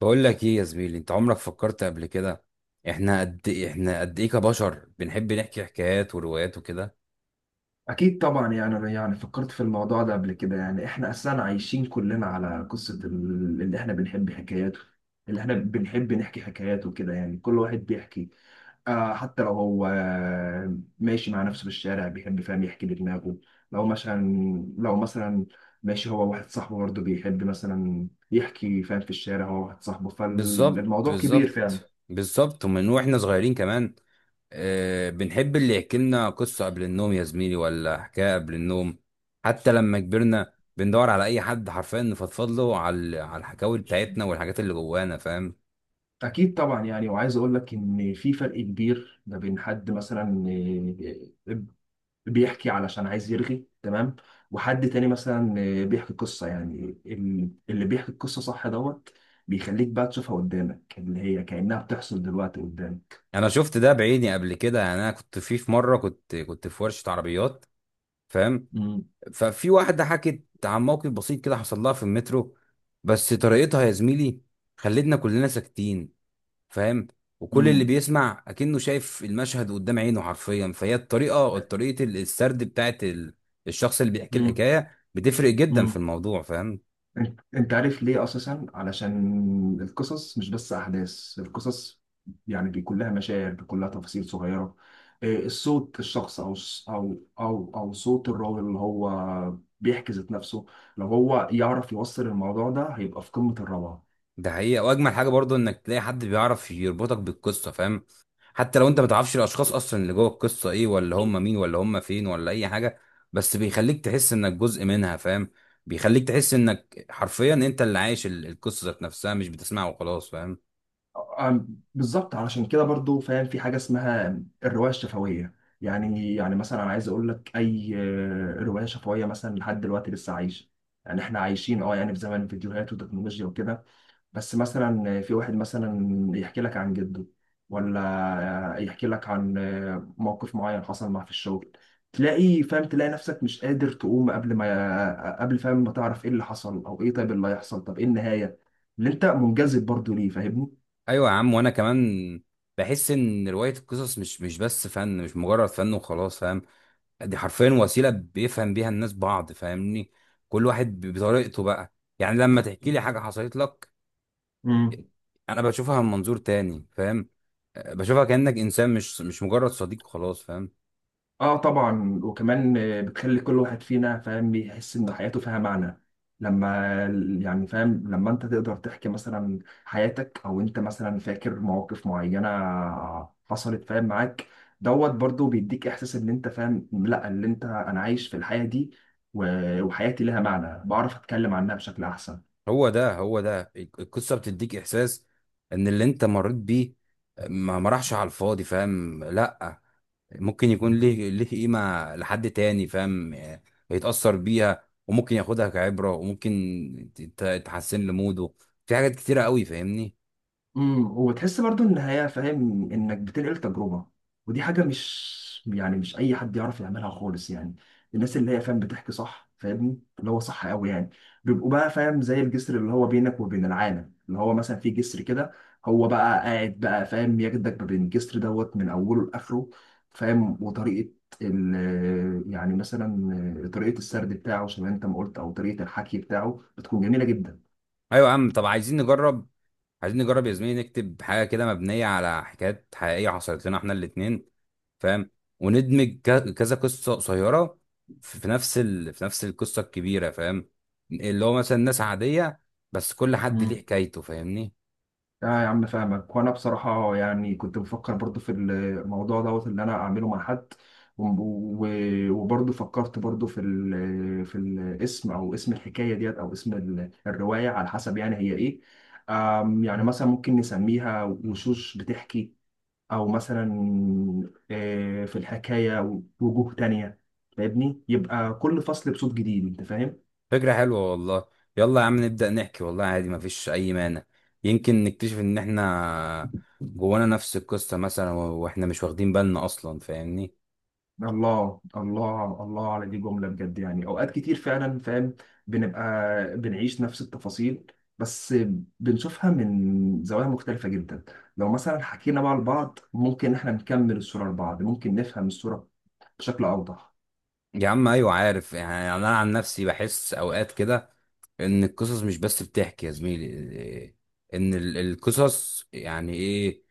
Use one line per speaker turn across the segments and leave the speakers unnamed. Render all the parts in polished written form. بقول لك ايه يا زميلي، انت عمرك فكرت قبل كده؟ احنا قد ايه كبشر بنحب نحكي حكايات وروايات وكده.
أكيد طبعا، يعني أنا يعني فكرت في الموضوع ده قبل كده. يعني إحنا أساسا عايشين كلنا على قصة اللي إحنا بنحب حكاياته، اللي إحنا بنحب نحكي حكاياته كده. يعني كل واحد بيحكي، حتى لو هو ماشي مع نفسه في الشارع بيحب، فاهم، يحكي لدماغه. لو مثلا لو مثلا ماشي هو واحد صاحبه، برضه بيحب مثلا يحكي، فاهم، في الشارع هو واحد صاحبه.
بالظبط
فالموضوع كبير فعلا.
بالظبط بالظبط، ومن واحنا صغيرين كمان آه، بنحب اللي يحكي لنا قصة قبل النوم يا زميلي، ولا حكاية قبل النوم. حتى لما كبرنا بندور على اي حد حرفيا نفضفض له على الحكاوي بتاعتنا والحاجات اللي جوانا، فاهم.
أكيد طبعا، يعني وعايز أقول لك إن في فرق كبير ما بين حد مثلا آه، بيحكي علشان عايز يرغي، تمام، وحد تاني مثلا بيحكي قصة. يعني اللي بيحكي القصة صح دوت، بيخليك بقى تشوفها قدامك، اللي هي كأنها بتحصل دلوقتي قدامك.
انا شفت ده بعيني قبل كده، يعني انا كنت في مرة، كنت في ورشة عربيات، فاهم.
مم.
ففي واحدة حكت عن موقف بسيط كده حصل لها في المترو، بس طريقتها يا زميلي خلتنا كلنا ساكتين، فاهم. وكل اللي
مم.
بيسمع أكنه شايف المشهد قدام عينه حرفيا. فهي الطريقة، طريقة السرد بتاعت الشخص اللي بيحكي
مم.
الحكاية، بتفرق جدا في
مم.
الموضوع، فاهم.
انت عارف ليه؟ اساسا علشان القصص مش بس احداث القصص، يعني بيكون لها مشاعر، بيكون لها تفاصيل صغيره، إيه، الصوت الشخص او صوت الراجل اللي هو بيحكي ذات نفسه. لو هو يعرف يوصل الموضوع ده هيبقى في قمه الروعه.
ده حقيقة، وأجمل حاجة برضو إنك تلاقي حد بيعرف يربطك بالقصة، فاهم. حتى لو انت ما تعرفش الاشخاص اصلا اللي جوه القصه ايه، ولا هم مين، ولا هم فين، ولا اي حاجه، بس بيخليك تحس انك جزء منها، فاهم. بيخليك تحس انك حرفيا انت اللي عايش القصه ذات نفسها، مش بتسمعها وخلاص، فاهم.
أم- بالظبط، علشان كده برضو، فاهم، في حاجه اسمها الروايه الشفويه. يعني مثلا انا عايز اقول لك اي روايه شفويه مثلا لحد دلوقتي لسه عايشه. يعني احنا عايشين، يعني في زمن الفيديوهات والتكنولوجيا وكده. بس مثلا في واحد مثلا يحكي لك عن جده، ولا يحكي لك عن موقف معين حصل معاه في الشغل. تلاقي، فاهم، تلاقي نفسك مش قادر تقوم قبل ما قبل، فاهم، ما تعرف ايه اللي حصل او ايه طيب اللي هيحصل، طب ايه النهاية اللي انت منجذب برضو ليه، فاهمني؟
ايوه يا عم، وانا كمان بحس ان روايه القصص مش بس فن، مش مجرد فن وخلاص، فاهم. دي حرفيا وسيله بيفهم بيها الناس بعض، فاهمني. كل واحد بطريقته بقى. يعني لما تحكي لي حاجه حصلت لك، انا بشوفها من منظور تاني، فاهم. آه، بشوفها كأنك انسان، مش مجرد صديق وخلاص، فاهم.
اه طبعا، وكمان بتخلي كل واحد فينا، فاهم، يحس ان حياته فيها معنى، لما يعني، فاهم، لما انت تقدر تحكي مثلا حياتك، او انت مثلا فاكر مواقف معينة حصلت، فاهم، معاك دوت، برضو بيديك احساس ان انت، فاهم، لا اللي انت انا عايش في الحياة دي، وحياتي لها معنى، بعرف اتكلم عنها بشكل احسن.
هو ده، هو ده، القصة بتديك احساس ان اللي انت مريت بيه ما راحش على الفاضي، فاهم. لا، ممكن يكون ليه قيمة لحد تاني، فاهم. آه، يتأثر بيها، وممكن ياخدها كعبرة، وممكن تحسن له موده. في حاجات كتيرة قوي، فاهمني.
امم، وتحس برضو ان هي، فاهم، انك بتنقل تجربه، ودي حاجه مش، يعني مش اي حد يعرف يعملها خالص. يعني الناس اللي هي، فاهم، بتحكي صح، فاهمني، اللي هو صح قوي، يعني بيبقوا بقى، فاهم، زي الجسر اللي هو بينك وبين العالم، اللي هو مثلا في جسر كده، هو بقى قاعد بقى، فاهم، ياخدك ما بين الجسر دوت من اوله لاخره، فاهم. وطريقه ال يعني مثلا طريقه السرد بتاعه زي ما انت ما قلت، او طريقه الحكي بتاعه بتكون جميله جدا.
ايوه يا عم، طب عايزين نجرب. عايزين نجرب يا زميلي نكتب حاجه كده مبنيه على حكايات حقيقيه حصلت لنا احنا الاثنين، فاهم. وندمج كذا قصه قصيره في في نفس القصه الكبيره، فاهم. اللي هو مثلا ناس عاديه، بس كل حد ليه حكايته، فاهمني.
اه يا عم فاهمك، وانا بصراحه يعني كنت بفكر برضو في الموضوع دوت اللي انا اعمله مع حد، و- وبرضو فكرت برضو في في الاسم، او اسم الحكايه ديت، او اسم الروايه على حسب، يعني هي ايه. يعني مثلا ممكن نسميها وشوش بتحكي، او مثلا في الحكايه وجوه تانية، فاهمني. يبقى كل فصل بصوت جديد، انت فاهم.
فكره حلوه والله. يلا يا عم، نبدا نحكي، والله عادي، مفيش اي مانع. يمكن نكتشف ان احنا جوانا نفس القصه مثلا، واحنا مش واخدين بالنا اصلا، فاهمني.
الله الله الله على دي، جملة بجد. يعني أوقات كتير فعلا، فاهم، بنبقى بنعيش نفس التفاصيل، بس بنشوفها من زوايا مختلفة جدا. لو مثلا حكينا بقى لبعض، ممكن احنا نكمل الصورة لبعض، ممكن نفهم الصورة بشكل أوضح.
يا عم ايوه، عارف يعني، انا عن نفسي بحس اوقات كده ان القصص مش بس بتحكي يا زميلي إيه، ان القصص يعني ايه،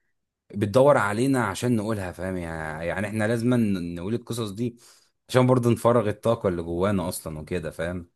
بتدور علينا عشان نقولها، فاهم. يعني احنا لازم نقول القصص دي عشان برضه نفرغ الطاقة اللي جوانا اصلا وكده، فاهم.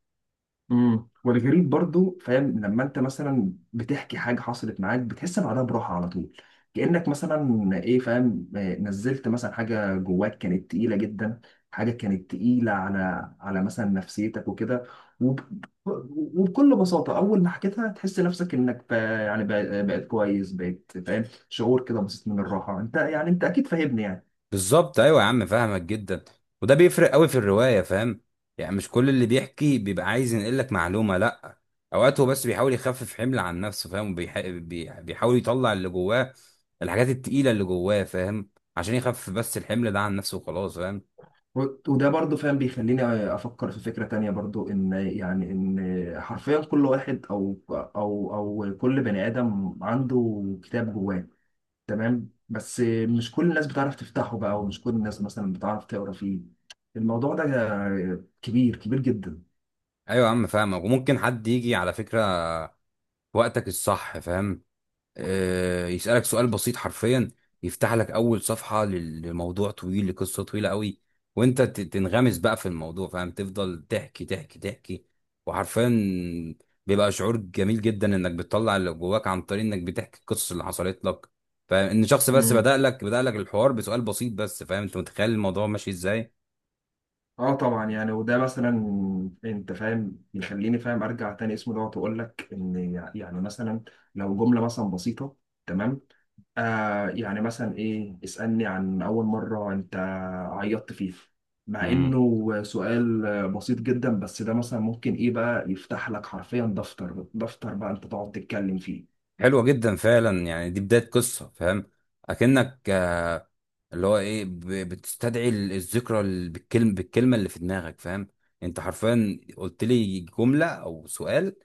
امم، والغريب برضو، فاهم، لما انت مثلا بتحكي حاجه حصلت معاك بتحس بعدها براحه على طول، كانك مثلا ايه، فاهم، نزلت مثلا حاجه جواك كانت تقيله جدا، حاجه كانت تقيله على على مثلا نفسيتك وكده. وب... وبكل بساطه اول ما حكيتها تحس نفسك انك بقيت كويس، بقيت، فاهم، شعور كده بسيط من الراحه. انت يعني انت اكيد فاهمني.
بالظبط ايوه يا عم، فاهمك جدا. وده بيفرق قوي في الروايه، فاهم. يعني مش كل اللي بيحكي بيبقى عايز ينقل لك معلومه. لا، اوقات هو بس بيحاول يخفف حمل عن نفسه، فاهم. بيحاول يطلع اللي جواه، الحاجات التقيله اللي جواه، فاهم، عشان يخفف بس الحمل ده عن نفسه وخلاص، فاهم.
و- وده برضو، فاهم، بيخليني افكر في فكرة تانية برضو، ان يعني ان حرفيا كل واحد او كل بني ادم عنده كتاب جواه، تمام، بس مش كل الناس بتعرف تفتحه بقى، ومش كل الناس مثلا بتعرف تقرا فيه. الموضوع ده كبير كبير جدا.
ايوه يا عم، فاهمك. وممكن حد يجي على فكره في وقتك الصح، فاهم، آه، يسألك سؤال بسيط حرفيا، يفتح لك أول صفحة لموضوع طويل، لقصة طويلة قوي، وأنت تنغمس بقى في الموضوع، فاهم، تفضل تحكي تحكي تحكي. وحرفيا بيبقى شعور جميل جدا إنك بتطلع اللي جواك عن طريق إنك بتحكي القصص اللي حصلت لك. فإن شخص بس
امم،
بدأ لك الحوار بسؤال بسيط بس، فاهم، أنت متخيل الموضوع ماشي إزاي؟
اه طبعا، يعني وده مثلا انت، فاهم، يخليني، فاهم، ارجع تاني اسمه دوت واقول لك ان، يعني مثلا لو جمله مثلا بسيطه، تمام، آه يعني مثلا ايه، اسألني عن اول مرة انت عيطت فيها، مع
مم.
انه سؤال بسيط جدا، بس ده مثلا ممكن ايه بقى يفتح لك حرفيا دفتر، دفتر بقى انت تقعد تتكلم فيه.
حلوة جدا فعلا، يعني دي بداية قصة، فاهم. أكنك اللي هو ايه، بتستدعي الذكرى بالكلمه اللي في دماغك، فاهم. انت حرفيا قلت لي جمله او سؤال،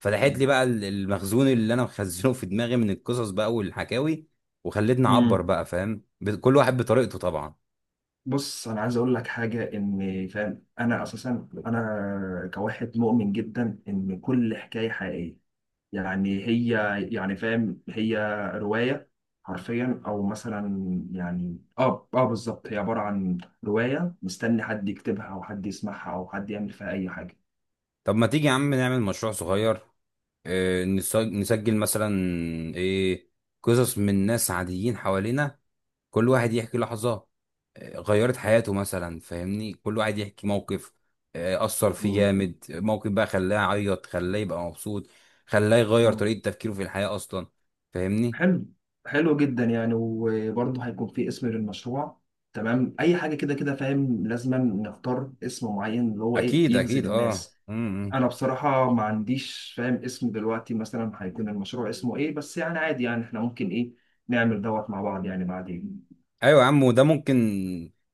فتحت لي بقى المخزون اللي انا مخزنه في دماغي من القصص بقى والحكاوي، وخلتني اعبر
امم.
بقى، فاهم، كل واحد بطريقته طبعا.
بص، انا عايز اقول لك حاجة، ان، فاهم، انا اساسا انا كواحد مؤمن جدا ان كل حكاية حقيقية، يعني هي، يعني، فاهم، هي رواية حرفيا، او مثلا، يعني اه بالظبط، هي عبارة عن رواية مستني حد يكتبها او حد يسمعها او حد يعمل فيها اي حاجة.
طب ما تيجي يا عم نعمل مشروع صغير. اه، نسجل مثلا ايه، قصص من ناس عاديين حوالينا. كل واحد يحكي لحظة آه، غيرت حياته مثلا، فاهمني. كل واحد يحكي موقف آه، أثر فيه
مم.
جامد، موقف بقى خلاه يعيط، خلاه يبقى مبسوط، خلاه يغير
مم.
طريقة تفكيره في الحياة أصلا، فاهمني.
حلو، حلو جدا. يعني وبرضه هيكون في اسم للمشروع، تمام، اي حاجة كده كده، فاهم، لازم نختار اسم معين اللي هو ايه،
أكيد
يجذب
أكيد، أه.
الناس.
مم.
انا بصراحه ما عنديش، فاهم، اسم دلوقتي مثلا هيكون المشروع اسمه ايه، بس يعني عادي، يعني احنا ممكن ايه نعمل دوت مع بعض يعني بعدين.
ايوه يا عم، وده ممكن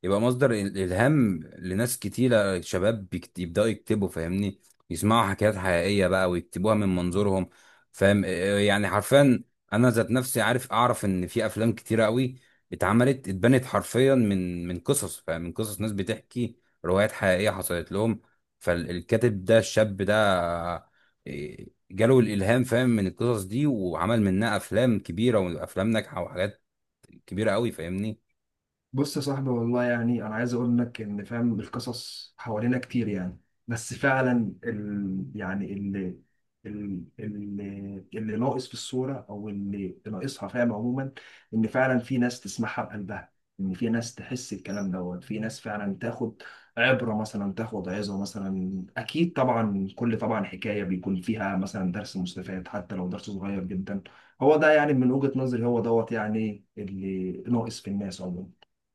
يبقى مصدر الهام لناس كتيره. شباب يبداوا يكتبوا، فاهمني، يسمعوا حكايات حقيقيه بقى ويكتبوها من منظورهم، فاهم إيه يعني. حرفيا انا ذات نفسي عارف، اعرف ان في افلام كتيره قوي اتعملت، اتبنت حرفيا من قصص، فاهم، من قصص ناس بتحكي روايات حقيقيه حصلت لهم. فالكاتب ده، الشاب ده، إيه، جاله الالهام، فاهم، من القصص دي، وعمل منها افلام كبيره، وافلام ناجحه، وحاجات كبيره قوي، فاهمني.
بص يا صاحبي، والله يعني انا عايز اقول لك ان، فاهم، القصص حوالينا كتير، يعني بس فعلا يعني اللي ناقص في الصورة، او اللي ناقصها، فاهم عموما، ان فعلا في ناس تسمعها بقلبها، ان في ناس تحس الكلام دوت، في ناس فعلا تاخد عبرة مثلا، تاخد عظة مثلا. اكيد طبعا كل، طبعا حكاية بيكون فيها مثلا درس مستفاد، حتى لو درس صغير جدا. هو ده، يعني من وجهة نظري هو دوت، يعني اللي ناقص في الناس عموما.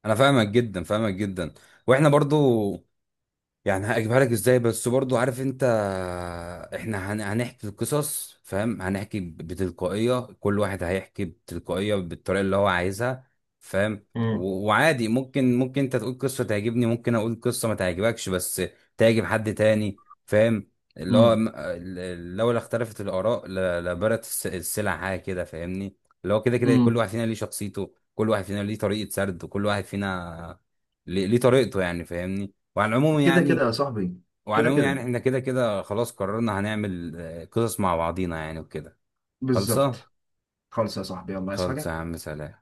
انا فاهمك جدا، فاهمك جدا. واحنا برضو، يعني هجيبها لك ازاي، بس برضو عارف انت، احنا هنحكي القصص، فاهم، هنحكي بتلقائية. كل واحد هيحكي بتلقائية بالطريقة اللي هو عايزها، فاهم.
مم.
وعادي، ممكن انت تقول قصة تعجبني، ممكن اقول قصة ما تعجبكش بس تعجب حد تاني، فاهم. اللي هو
مم.
لولا اختلفت الآراء لبارت السلع، حاجة كده، فاهمني. اللي هو كده كده كل
مم.
واحد فينا ليه شخصيته، كل واحد فينا ليه طريقة سرد، وكل واحد فينا ليه طريقته، يعني فاهمني. وعلى العموم
كده كده
يعني،
يا صاحبي. كده كده،
احنا كده كده خلاص قررنا هنعمل آه، قصص مع بعضينا يعني وكده. خلصة.
بالظبط. خالص يا صاحبي، يلا عايز
خلصة
حاجة؟
يا عم، سلام.